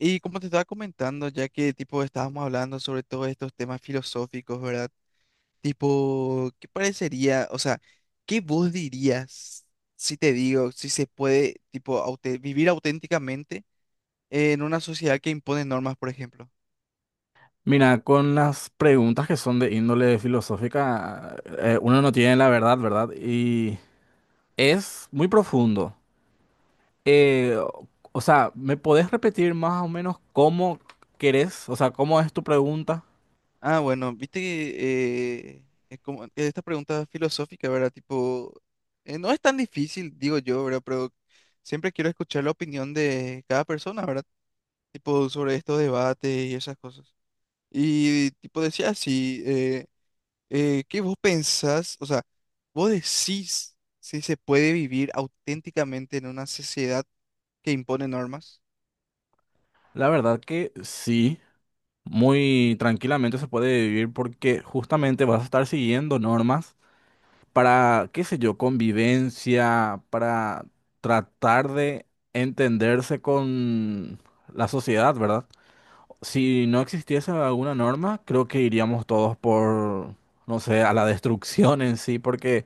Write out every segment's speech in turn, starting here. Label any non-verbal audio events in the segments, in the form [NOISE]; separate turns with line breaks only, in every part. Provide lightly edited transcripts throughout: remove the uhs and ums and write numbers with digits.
Y como te estaba comentando, ya que tipo estábamos hablando sobre todos estos temas filosóficos, ¿verdad? Tipo, ¿qué parecería, o sea, qué vos dirías si te digo, si se puede, tipo, vivir auténticamente en una sociedad que impone normas, por ejemplo?
Mira, con las preguntas que son de índole filosófica, uno no tiene la verdad, ¿verdad? Y es muy profundo. O sea, ¿me podés repetir más o menos cómo querés? O sea, ¿cómo es tu pregunta?
Ah, bueno, viste que es como que esta pregunta filosófica, ¿verdad? Tipo, no es tan difícil, digo yo, ¿verdad? Pero siempre quiero escuchar la opinión de cada persona, ¿verdad? Tipo, sobre estos debates y esas cosas. Y tipo decía así, ¿qué vos pensás? O sea, vos decís si se puede vivir auténticamente en una sociedad que impone normas.
La verdad que sí, muy tranquilamente se puede vivir porque justamente vas a estar siguiendo normas para, qué sé yo, convivencia, para tratar de entenderse con la sociedad, ¿verdad? Si no existiese alguna norma, creo que iríamos todos por, no sé, a la destrucción en sí, porque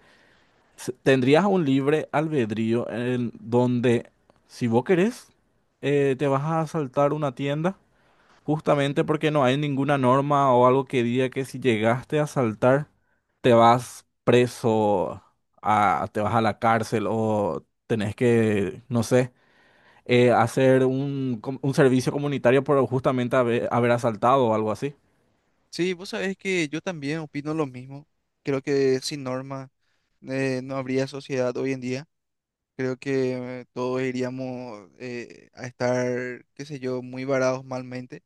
tendrías un libre albedrío en donde, si vos querés, te vas a asaltar una tienda, justamente porque no hay ninguna norma o algo que diga que si llegaste a asaltar, te vas preso, a, te vas a la cárcel o tenés que, no sé hacer un, un servicio comunitario por justamente haber asaltado o algo así.
Sí, vos sabés que yo también opino lo mismo. Creo que sin normas no habría sociedad hoy en día. Creo que todos iríamos a estar, qué sé yo, muy varados malmente.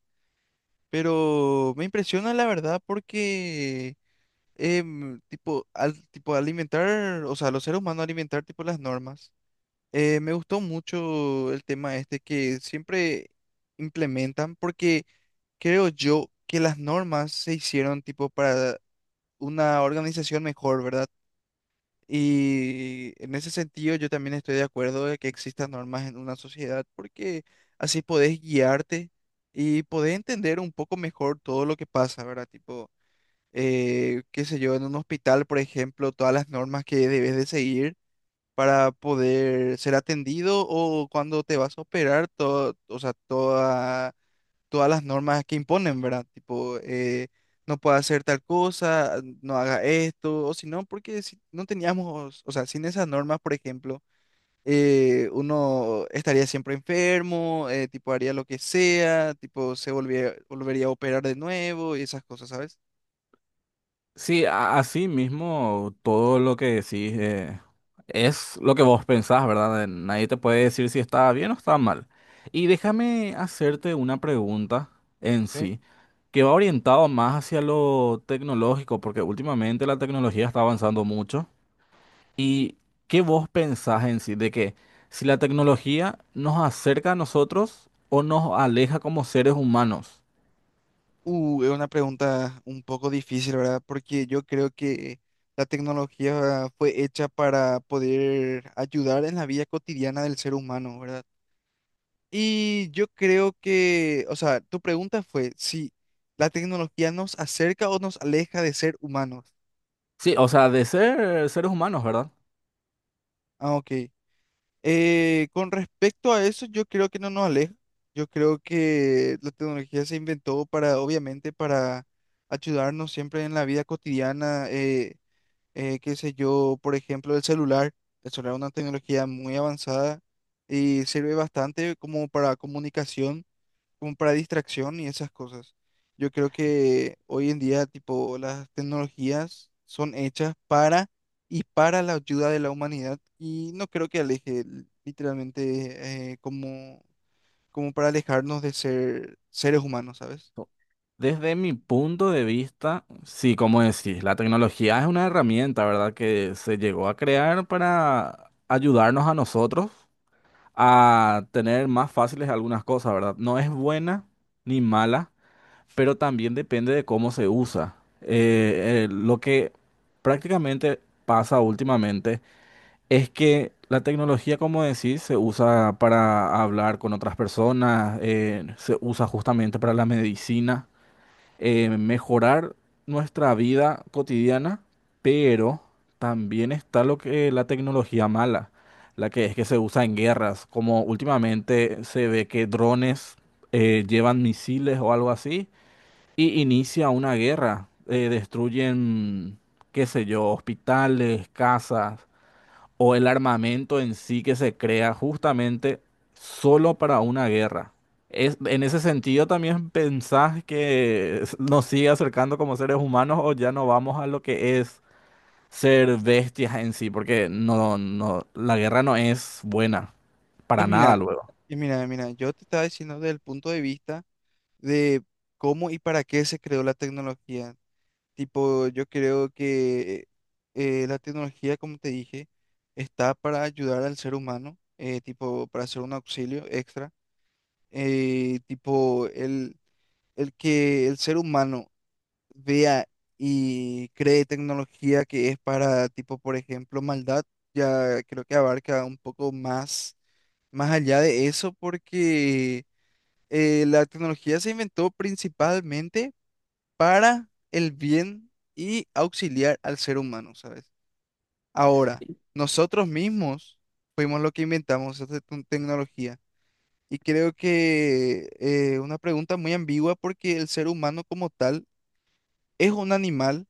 Pero me impresiona la verdad porque tipo, tipo alimentar, o sea, los seres humanos alimentar tipo las normas. Me gustó mucho el tema este que siempre implementan porque creo yo que las normas se hicieron tipo para una organización mejor, ¿verdad? Y en ese sentido yo también estoy de acuerdo de que existan normas en una sociedad porque así podés guiarte y podés entender un poco mejor todo lo que pasa, ¿verdad? Tipo qué sé yo, en un hospital, por ejemplo, todas las normas que debes de seguir para poder ser atendido o cuando te vas a operar, todo, o sea, todas las normas que imponen, ¿verdad? Tipo, no puedes hacer tal cosa, no haga esto, o si no, porque si no teníamos, o sea, sin esas normas, por ejemplo, uno estaría siempre enfermo, tipo, haría lo que sea, tipo, volvería a operar de nuevo y esas cosas, ¿sabes?
Sí, así mismo todo lo que decís es lo que vos pensás, ¿verdad? Nadie te puede decir si está bien o está mal. Y déjame hacerte una pregunta en sí, que va orientado más hacia lo tecnológico, porque últimamente la tecnología está avanzando mucho. ¿Y qué vos pensás en sí de que si la tecnología nos acerca a nosotros o nos aleja como seres humanos?
Es una pregunta un poco difícil, ¿verdad? Porque yo creo que la tecnología fue hecha para poder ayudar en la vida cotidiana del ser humano, ¿verdad? Y yo creo que, o sea, tu pregunta fue si la tecnología nos acerca o nos aleja de ser humanos.
Sí, o sea, de ser seres humanos, ¿verdad?
Ah, ok. Con respecto a eso, yo creo que no nos aleja. Yo creo que la tecnología se inventó para, obviamente, para ayudarnos siempre en la vida cotidiana. Qué sé yo, por ejemplo, el celular. El celular es una tecnología muy avanzada y sirve bastante como para comunicación, como para distracción y esas cosas. Yo creo que hoy en día, tipo, las tecnologías son hechas para y para la ayuda de la humanidad y no creo que aleje literalmente como, como para alejarnos de ser seres humanos, ¿sabes?
Desde mi punto de vista, sí, como decís, la tecnología es una herramienta, ¿verdad? Que se llegó a crear para ayudarnos a nosotros a tener más fáciles algunas cosas, ¿verdad? No es buena ni mala, pero también depende de cómo se usa. Lo que prácticamente pasa últimamente es que la tecnología, como decís, se usa para hablar con otras personas, se usa justamente para la medicina, mejorar nuestra vida cotidiana, pero también está lo que la tecnología mala, la que es que se usa en guerras, como últimamente se ve que drones llevan misiles o algo así y inicia una guerra. Destruyen, qué sé yo, hospitales, casas o el armamento en sí que se crea justamente solo para una guerra. Es, en ese sentido, ¿también pensás que nos sigue acercando como seres humanos o ya no vamos a lo que es ser bestias en sí? Porque no, no, la guerra no es buena
Y
para nada
mira,
luego.
mira, yo te estaba diciendo desde el punto de vista de cómo y para qué se creó la tecnología. Tipo, yo creo que la tecnología, como te dije, está para ayudar al ser humano, tipo, para ser un auxilio extra. Tipo, el que el ser humano vea y cree tecnología que es para, tipo, por ejemplo, maldad, ya creo que abarca un poco más, más allá de eso, porque la tecnología se inventó principalmente para el bien y auxiliar al ser humano, ¿sabes? Ahora, nosotros mismos fuimos los que inventamos esta tecnología. Y creo que una pregunta muy ambigua porque el ser humano como tal es un animal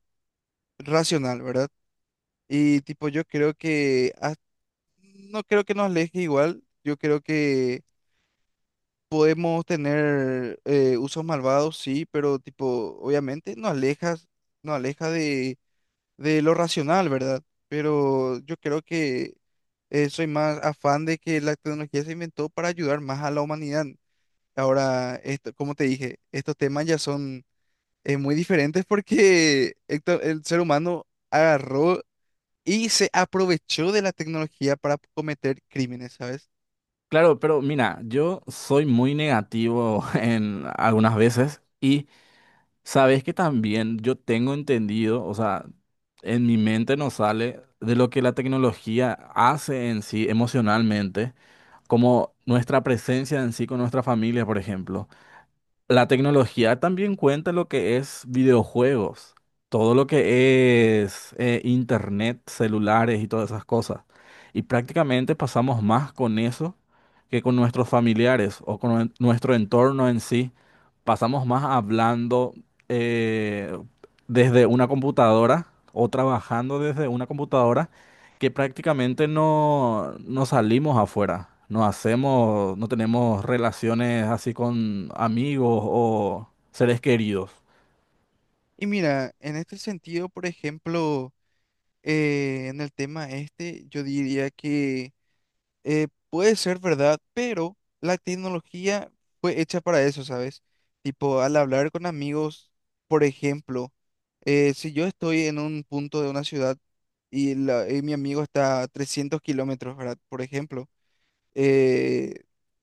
racional, ¿verdad? Y tipo, yo creo que no creo que nos aleje igual. Yo creo que podemos tener usos malvados, sí, pero tipo, obviamente nos alejas, nos aleja de lo racional, ¿verdad? Pero yo creo que soy más afán de que la tecnología se inventó para ayudar más a la humanidad. Ahora, esto, como te dije, estos temas ya son muy diferentes porque [LAUGHS] el ser humano agarró y se aprovechó de la tecnología para cometer crímenes, ¿sabes?
Claro, pero mira, yo soy muy negativo [LAUGHS] en algunas veces y sabes que también yo tengo entendido, o sea, en mi mente nos sale de lo que la tecnología hace en sí emocionalmente, como nuestra presencia en sí con nuestra familia, por ejemplo. La tecnología también cuenta lo que es videojuegos, todo lo que es internet, celulares y todas esas cosas. Y prácticamente pasamos más con eso que con nuestros familiares o con nuestro entorno en sí. Pasamos más hablando eh, desde una computadora o trabajando desde una computadora que prácticamente no, no salimos afuera, no hacemos, no tenemos relaciones así con amigos o seres queridos.
Y mira, en este sentido, por ejemplo, en el tema este, yo diría que eh, puede ser verdad, pero la tecnología fue hecha para eso, ¿sabes? Tipo, al hablar con amigos, por ejemplo, si yo estoy en un punto de una ciudad y, y mi amigo está a 300 kilómetros, ¿verdad? Por ejemplo, eh,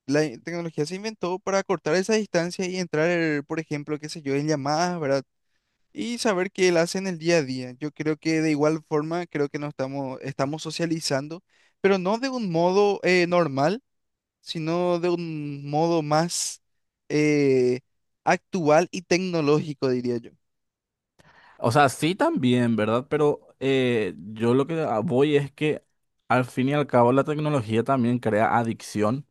la tecnología se inventó para cortar esa distancia y entrar, por ejemplo, qué sé yo, en llamadas, ¿verdad? Y saber qué él hace en el día a día. Yo creo que de igual forma, creo que nos estamos, estamos socializando, pero no de un modo normal, sino de un modo más eh, actual y tecnológico, diría yo.
O sea, sí también, ¿verdad? Pero yo lo que voy es que al fin y al cabo la tecnología también crea adicción.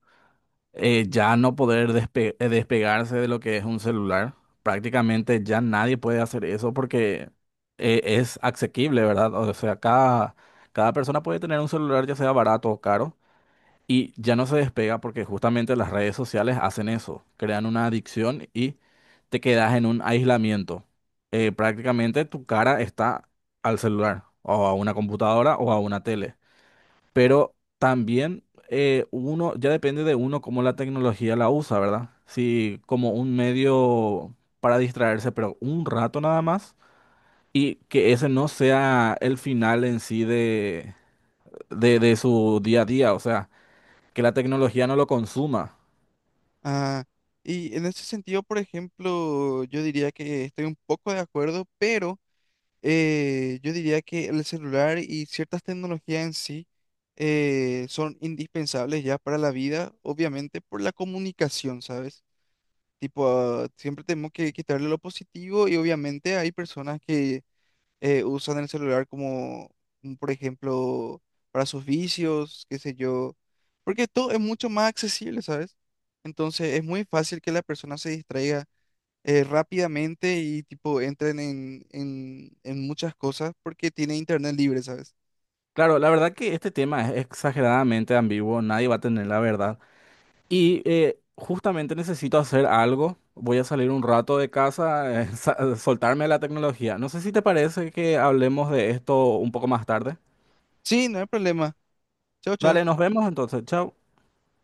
Ya no poder despegarse de lo que es un celular. Prácticamente ya nadie puede hacer eso porque es asequible, ¿verdad? O sea, cada persona puede tener un celular ya sea barato o caro. Y ya no se despega porque justamente las redes sociales hacen eso, crean una adicción y te quedas en un aislamiento. Prácticamente tu cara está al celular o a una computadora o a una tele. Pero también uno, ya depende de uno cómo la tecnología la usa, ¿verdad? Si como un medio para distraerse, pero un rato nada más y que ese no sea el final en sí de, de su día a día, o sea que la tecnología no lo consuma.
Ah, y en ese sentido, por ejemplo, yo diría que estoy un poco de acuerdo, pero yo diría que el celular y ciertas tecnologías en sí son indispensables ya para la vida, obviamente por la comunicación, ¿sabes? Tipo, ah, siempre tenemos que quitarle lo positivo y obviamente hay personas que usan el celular como, como, por ejemplo, para sus vicios, qué sé yo, porque todo es mucho más accesible, ¿sabes? Entonces es muy fácil que la persona se distraiga rápidamente y tipo entren en, en muchas cosas porque tiene internet libre, ¿sabes?
Claro, la verdad que este tema es exageradamente ambiguo, nadie va a tener la verdad. Y justamente necesito hacer algo, voy a salir un rato de casa, [LAUGHS] soltarme a la tecnología. No sé si te parece que hablemos de esto un poco más tarde.
Sí, no hay problema. Chao, chao.
Dale, nos vemos entonces, chao.